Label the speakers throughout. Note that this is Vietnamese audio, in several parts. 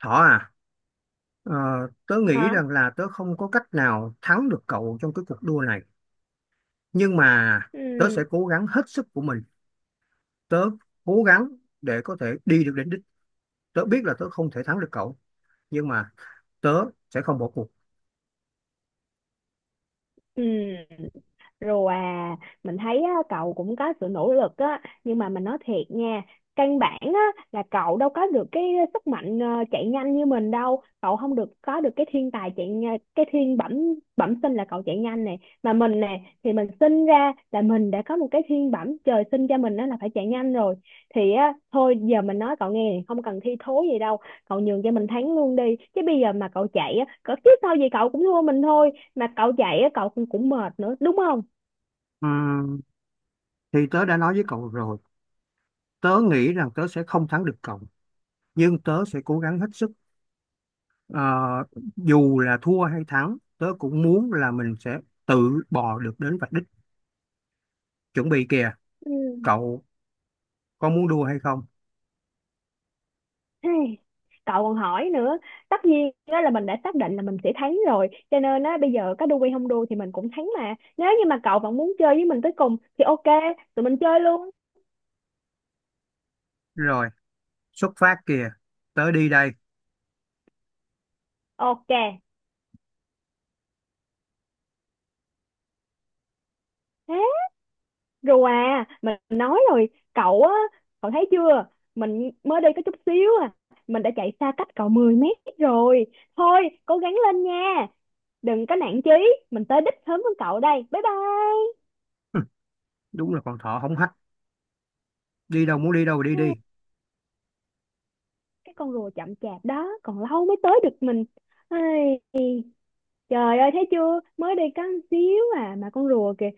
Speaker 1: Thỏ à, ờ, tớ nghĩ
Speaker 2: Hả?
Speaker 1: rằng là tớ không có cách nào thắng được cậu trong cái cuộc đua này. Nhưng mà tớ
Speaker 2: Ừ,
Speaker 1: sẽ cố gắng hết sức của mình. Tớ cố gắng để có thể đi được đến đích. Tớ biết là tớ không thể thắng được cậu. Nhưng mà tớ sẽ không bỏ cuộc.
Speaker 2: ừ. Rồi à, mình thấy á, cậu cũng có sự nỗ lực á nhưng mà mình nói thiệt nha, căn bản á là cậu đâu có được cái sức mạnh, chạy nhanh như mình đâu. Cậu không được có được cái thiên tài cái thiên bẩm bẩm sinh là cậu chạy nhanh này. Mà mình nè thì mình sinh ra là mình đã có một cái thiên bẩm trời sinh cho mình, đó là phải chạy nhanh rồi. Thì á thôi, giờ mình nói cậu nghe không cần thi thố gì đâu, cậu nhường cho mình thắng luôn đi. Chứ bây giờ mà cậu chạy á, cậu chứ sao gì cậu cũng thua mình thôi, mà cậu chạy á cậu cũng cũng mệt nữa, đúng không?
Speaker 1: Ừm, thì tớ đã nói với cậu rồi. Tớ nghĩ rằng tớ sẽ không thắng được cậu. Nhưng tớ sẽ cố gắng hết sức. Ờ, Dù là thua hay thắng, tớ cũng muốn là mình sẽ tự bò được đến vạch đích. Chuẩn bị kìa,
Speaker 2: Ừ.
Speaker 1: cậu có muốn đua hay không?
Speaker 2: Hey, cậu còn hỏi nữa, tất nhiên đó là mình đã xác định là mình sẽ thắng rồi, cho nên á bây giờ có đu hay không đu thì mình cũng thắng. Mà nếu như mà cậu vẫn muốn chơi với mình tới cùng thì ok, tụi mình chơi luôn.
Speaker 1: Rồi, xuất phát kìa, tới đi đây.
Speaker 2: Ok. Thế. Rồi à, mình nói rồi. Cậu á, cậu thấy chưa, mình mới đi có chút xíu à, mình đã chạy xa cách cậu 10 m rồi. Thôi cố gắng lên nha, đừng có nản chí, mình tới đích sớm hơn cậu đây. Bye
Speaker 1: Đúng là con thỏ hống hách, đi đâu muốn đi đâu đi
Speaker 2: bye.
Speaker 1: đi.
Speaker 2: Cái con rùa chậm chạp đó còn lâu mới tới được mình. Ai, trời ơi thấy chưa, mới đi có một xíu à mà con rùa kìa,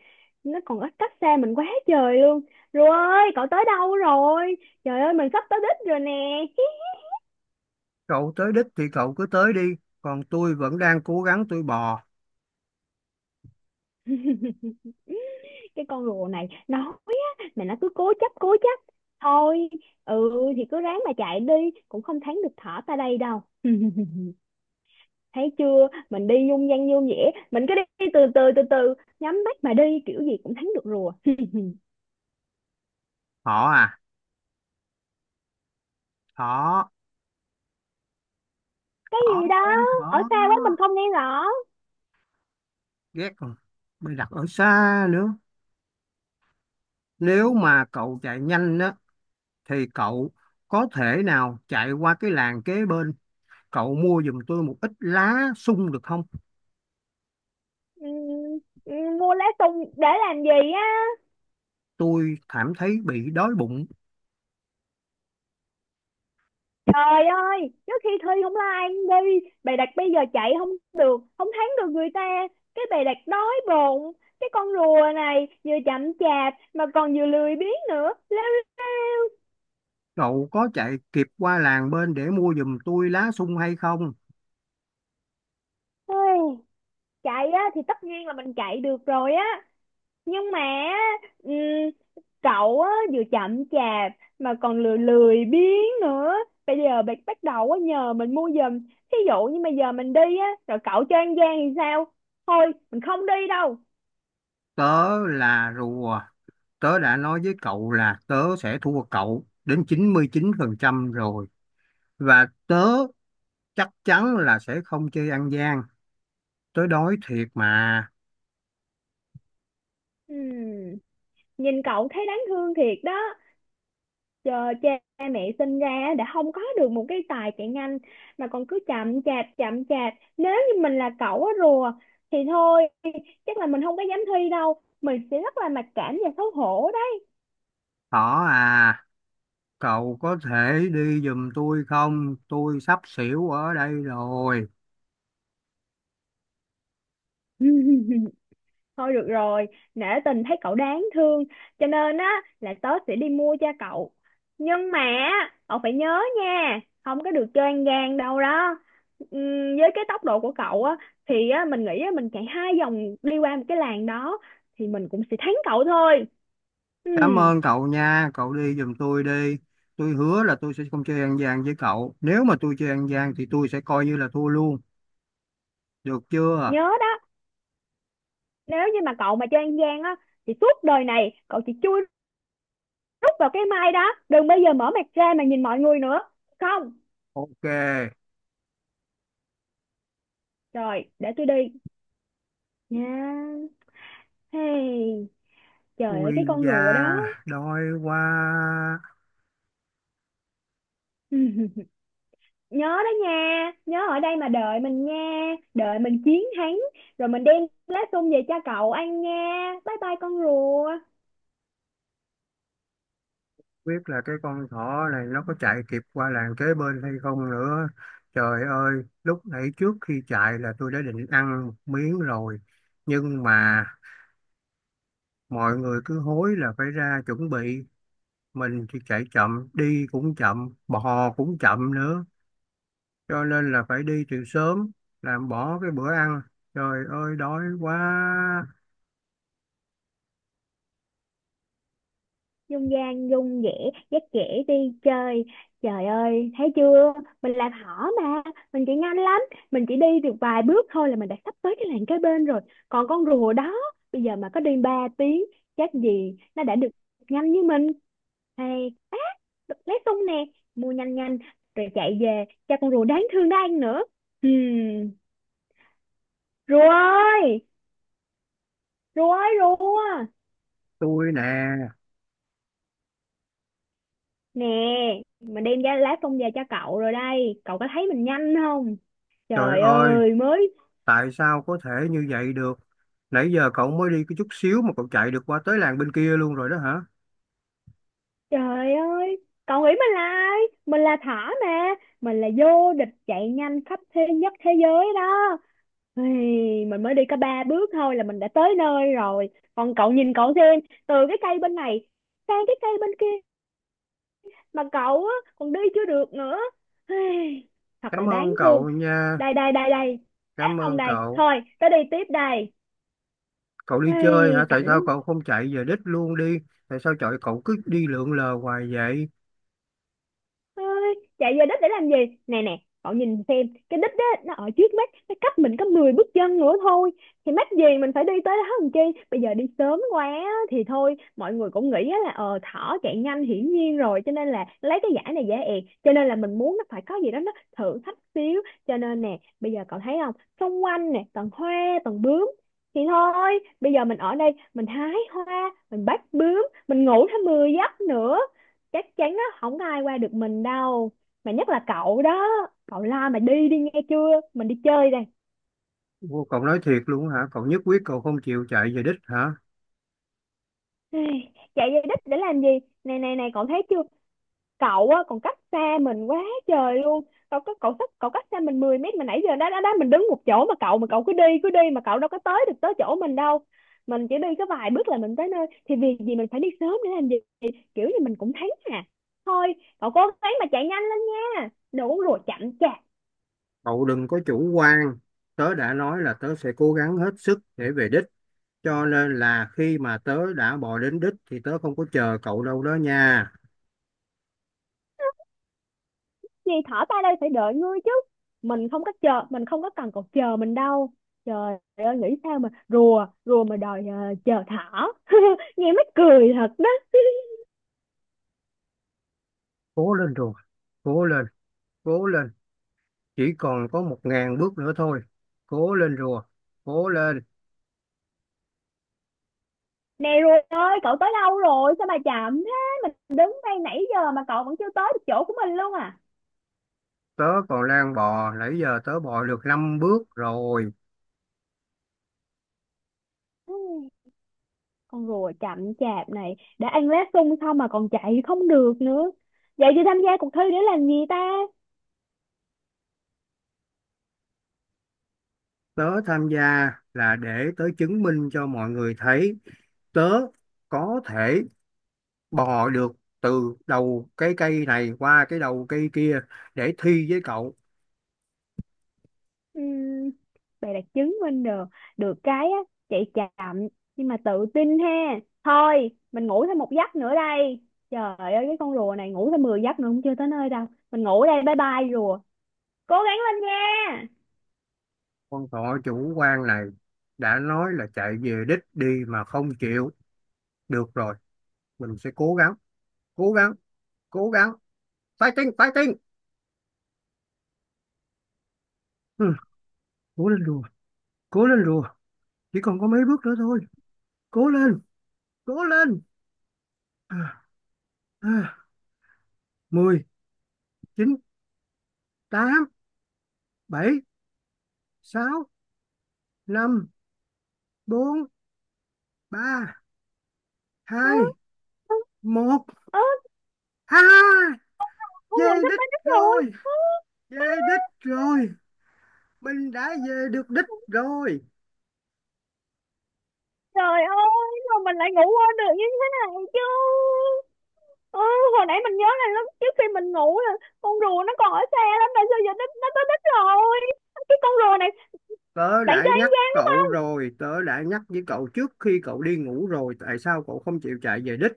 Speaker 2: nó còn ít cách xa mình quá trời luôn. Rùa ơi, cậu tới đâu rồi? Trời ơi mình sắp tới đích rồi nè.
Speaker 1: Cậu tới đích thì cậu cứ tới đi, còn tôi vẫn đang cố gắng tôi bò.
Speaker 2: Cái con rùa này nó, mà nó cứ cố chấp cố chấp. Thôi, ừ thì cứ ráng mà chạy đi, cũng không thắng được thỏ ta đây đâu. Thấy chưa, mình đi dung dăng dung dẻ, mình cứ đi từ từ từ từ, nhắm mắt mà đi kiểu gì cũng thắng được rùa.
Speaker 1: Thỏ à, thỏ,
Speaker 2: Cái
Speaker 1: thỏ
Speaker 2: gì đó?
Speaker 1: ơi
Speaker 2: Ở
Speaker 1: thỏ.
Speaker 2: xa quá mình không nghe rõ.
Speaker 1: Ghét rồi, mày đặt ở xa nữa. Nếu mà cậu chạy nhanh á thì cậu có thể nào chạy qua cái làng kế bên, cậu mua giùm tôi một ít lá sung được không?
Speaker 2: Ừ, ừ, mua lá sung để làm gì á?
Speaker 1: Tôi cảm thấy bị đói bụng.
Speaker 2: Trời ơi trước khi thi không like đi bày đặt, bây giờ chạy không được, không thắng được người ta cái bày đặt đói bụng. Cái con rùa này vừa chậm chạp mà còn vừa lười biếng nữa.
Speaker 1: Cậu có chạy kịp qua làng bên để mua giùm tôi lá sung hay không?
Speaker 2: Ôi, chạy á thì tất nhiên là mình chạy được rồi á, nhưng mà ừm, cậu á, vừa chậm chạp mà còn lười lười biếng nữa, bây giờ bạn bắt đầu á, nhờ mình mua giùm. Thí dụ như mà giờ mình đi á rồi cậu cho ăn gian thì sao? Thôi mình không đi đâu.
Speaker 1: Tớ là rùa, tớ đã nói với cậu là tớ sẽ thua cậu đến chín chín mươi chín phần trăm rồi, và tớ chắc chắn là sẽ không chơi ăn gian. Tớ đói thiệt mà.
Speaker 2: Ừm, Nhìn cậu thấy đáng thương thiệt đó. Giờ cha mẹ sinh ra á, đã không có được một cái tài chạy nhanh mà còn cứ chậm chạp chậm chạp. Nếu như mình là cậu á rùa, thì thôi, chắc là mình không có dám thi đâu, mình sẽ rất là mặc cảm và xấu hổ đó.
Speaker 1: Thỏ à, cậu có thể đi giùm tôi không? Tôi sắp xỉu ở đây rồi.
Speaker 2: Thôi được rồi, nể tình thấy cậu đáng thương, cho nên á là tớ sẽ đi mua cho cậu. Nhưng mà cậu phải nhớ nha, không có được chơi ăn gian đâu đó. Với cái tốc độ của cậu á thì á mình nghĩ á mình chạy 2 vòng đi qua một cái làng đó thì mình cũng sẽ thắng cậu thôi.
Speaker 1: Cảm
Speaker 2: Ừm.
Speaker 1: ơn cậu nha, cậu đi giùm tôi đi. Tôi hứa là tôi sẽ không chơi ăn gian với cậu, nếu mà tôi chơi ăn gian thì tôi sẽ coi như là thua luôn, được chưa?
Speaker 2: Nhớ đó, nếu như mà cậu mà chơi ăn gian á thì suốt đời này cậu chỉ chui rút vào cái mai đó, đừng bao giờ mở mặt ra mà nhìn mọi người nữa. Không,
Speaker 1: Ok.
Speaker 2: rồi để tôi đi. Nha. Hey, trời ơi
Speaker 1: Ui
Speaker 2: cái con
Speaker 1: da,
Speaker 2: rùa đó.
Speaker 1: đói quá.
Speaker 2: Nhớ đó nha, nhớ ở đây mà đợi mình nha, đợi mình chiến thắng, rồi mình đem lá sung về cho cậu ăn nha. Bye bye con rùa.
Speaker 1: Biết là cái con thỏ này nó có chạy kịp qua làng kế bên hay không nữa. Trời ơi, lúc nãy trước khi chạy là tôi đã định ăn một miếng rồi. Nhưng mà mọi người cứ hối là phải ra chuẩn bị. Mình thì chạy chậm, đi cũng chậm, bò cũng chậm nữa. Cho nên là phải đi từ sớm, làm bỏ cái bữa ăn. Trời ơi, đói quá.
Speaker 2: Dung gian dung dẻ dắt dẻ đi chơi. Trời ơi thấy chưa, mình làm hỏ mà, mình chỉ nhanh lắm, mình chỉ đi được vài bước thôi là mình đã sắp tới cái làng kế bên rồi. Còn con rùa đó, bây giờ mà có đi 3 tiếng chắc gì nó đã được nhanh như mình. Hay á, được lấy tung nè, mua nhanh nhanh rồi chạy về cho con rùa đáng thương đó ăn nữa. Hmm. Rùa ơi, rùa ơi rùa,
Speaker 1: Tôi nè,
Speaker 2: nè, mình đem ra lá tung về cho cậu rồi đây, cậu có thấy mình nhanh không?
Speaker 1: trời
Speaker 2: Trời
Speaker 1: ơi.
Speaker 2: ơi mới,
Speaker 1: Tại sao có thể như vậy được? Nãy giờ cậu mới đi cái chút xíu mà cậu chạy được qua tới làng bên kia luôn rồi đó hả?
Speaker 2: trời ơi cậu nghĩ mình là ai? Mình là Thỏ mà, mình là vô địch chạy nhanh khắp thế nhất thế giới đó. Ui, mình mới đi có 3 bước thôi là mình đã tới nơi rồi. Còn cậu nhìn cậu xem, từ cái cây bên này sang cái cây bên kia mà cậu á, còn đi chưa được nữa. Ui, thật là
Speaker 1: Cảm
Speaker 2: đáng
Speaker 1: ơn
Speaker 2: thương.
Speaker 1: cậu nha,
Speaker 2: Đây đây đây đây, để
Speaker 1: cảm
Speaker 2: không
Speaker 1: ơn
Speaker 2: đây
Speaker 1: cậu.
Speaker 2: thôi tới đi tiếp đây.
Speaker 1: Cậu đi chơi
Speaker 2: Ê,
Speaker 1: hả? Tại
Speaker 2: cảnh.
Speaker 1: sao cậu không chạy về đích luôn đi? Tại sao trời cậu cứ đi lượn lờ hoài vậy?
Speaker 2: Ôi, chạy về đích để làm gì, nè nè cậu nhìn xem cái đích đó, nó ở trước mắt, nó cách mình có 10 bước chân nữa thôi, thì mắc gì mình phải đi tới đó làm chi. Bây giờ đi sớm quá á, thì thôi mọi người cũng nghĩ á là, ờ thỏ chạy nhanh hiển nhiên rồi, cho nên là lấy cái giải này dễ ẹt, cho nên là mình muốn nó phải có gì đó nó thử thách xíu. Cho nên nè bây giờ cậu thấy không, xung quanh nè toàn hoa toàn bướm, thì thôi bây giờ mình ở đây mình hái hoa mình bắt bướm mình ngủ thêm 10 giấc nữa. Chắc chắn á không có ai qua được mình đâu, mà nhất là cậu đó. Cậu la mà đi đi nghe chưa, mình đi chơi đây.
Speaker 1: Ô, cậu nói thiệt luôn hả? Cậu nhất quyết cậu không chịu chạy về đích hả?
Speaker 2: Chạy về đích để làm gì? Này này này cậu thấy chưa, cậu á còn cách xa mình quá trời luôn. Cậu cách xa mình 10 m mà nãy giờ đó đó đó mình đứng một chỗ mà cậu cứ đi mà cậu đâu có tới được tới chỗ mình đâu. Mình chỉ đi có vài bước là mình tới nơi thì việc gì mình phải đi sớm để làm gì. Kiểu như mình cũng thấy à, thôi cậu cố gắng mà chạy nhanh lên nha, đừng có rùa chậm chạp.
Speaker 1: Cậu đừng có chủ quan. Tớ đã nói là tớ sẽ cố gắng hết sức để về đích. Cho nên là khi mà tớ đã bò đến đích thì tớ không có chờ cậu đâu đó nha.
Speaker 2: Gì, thỏ ta đây phải đợi ngươi chứ? Mình không có chờ, mình không có cần cậu chờ mình đâu. Trời ơi nghĩ sao mà rùa rùa mà đòi chờ thỏ. Nghe mắc cười thật đó.
Speaker 1: Cố lên rồi, cố lên, cố lên, chỉ còn có 1.000 bước nữa thôi. Cố lên rùa, cố lên.
Speaker 2: Nè rùa ơi, cậu tới đâu rồi sao mà chậm thế? Mình đứng đây nãy giờ mà cậu vẫn chưa tới được chỗ của mình luôn à?
Speaker 1: Tớ còn đang bò, nãy giờ tớ bò được 5 bước rồi.
Speaker 2: Ừ, con rùa chậm chạp này đã ăn lá sung xong mà còn chạy không được nữa, vậy thì tham gia cuộc thi để làm gì ta?
Speaker 1: Tớ tham gia là để tớ chứng minh cho mọi người thấy tớ có thể bò được từ đầu cái cây này qua cái đầu cây kia, để thi với cậu.
Speaker 2: Ừm, Bà đã chứng minh được được cái á, chạy chậm nhưng mà tự tin ha. Thôi mình ngủ thêm một giấc nữa đây. Trời ơi cái con rùa này ngủ thêm 10 giấc nữa cũng chưa tới nơi đâu. Mình ngủ đây, bye bye rùa. Cố gắng lên nha.
Speaker 1: Con thỏ chủ quan này, đã nói là chạy về đích đi mà không chịu. Được rồi, mình sẽ cố gắng, cố gắng, cố gắng. Fighting, fighting. Ừ, cố lên rùa, cố lên rùa, chỉ còn có mấy bước nữa thôi. Cố lên, cố lên. à, à, 10, chín, tám, bảy, sáu, năm, bốn, ba, hai,
Speaker 2: Ừ.
Speaker 1: một.
Speaker 2: Ừ,
Speaker 1: À,
Speaker 2: con rùa
Speaker 1: về
Speaker 2: sắp
Speaker 1: đích
Speaker 2: đến đích rồi.
Speaker 1: rồi, về đích rồi, mình đã về được đích rồi.
Speaker 2: Trời ơi mà mình lại ngủ quên được như thế này chứ. Ừ, hồi nãy mình nhớ là lúc trước khi mình ngủ là con rùa nó còn ở xe lắm, tại sao giờ nó tới đích rồi? Cái con rùa này.
Speaker 1: Tớ
Speaker 2: Bạn
Speaker 1: đã
Speaker 2: cho ăn.
Speaker 1: nhắc cậu rồi, tớ đã nhắc với cậu trước khi cậu đi ngủ rồi, tại sao cậu không chịu chạy về đích?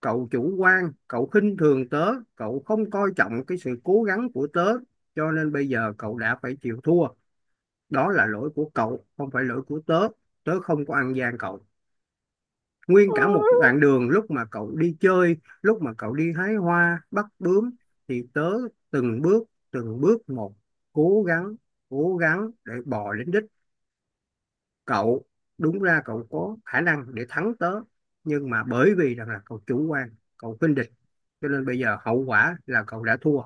Speaker 1: Cậu chủ quan, cậu khinh thường tớ, cậu không coi trọng cái sự cố gắng của tớ, cho nên bây giờ cậu đã phải chịu thua. Đó là lỗi của cậu, không phải lỗi của tớ. Tớ không có ăn gian cậu. Nguyên
Speaker 2: Ừ.
Speaker 1: cả một đoạn đường lúc mà cậu đi chơi, lúc mà cậu đi hái hoa, bắt bướm, thì tớ từng bước một, cố gắng, cố gắng để bò đến đích. Cậu, đúng ra cậu có khả năng để thắng tớ, nhưng mà bởi vì rằng là cậu chủ quan, cậu khinh địch, cho nên bây giờ hậu quả là cậu đã thua,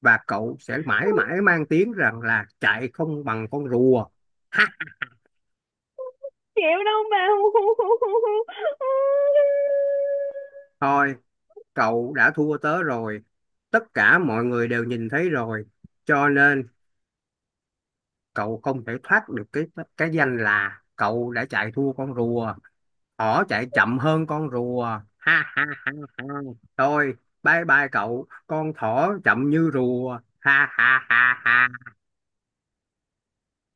Speaker 1: và cậu sẽ mãi mãi mang tiếng rằng là chạy không bằng con rùa.
Speaker 2: Chịu đâu mà.
Speaker 1: Thôi, cậu đã thua tớ rồi, tất cả mọi người đều nhìn thấy rồi, cho nên cậu không thể thoát được cái danh là cậu đã chạy thua con rùa. Thỏ chạy chậm hơn con rùa. Ha ha ha ha. Thôi, bye bye cậu. Con thỏ chậm như rùa. Ha ha ha ha.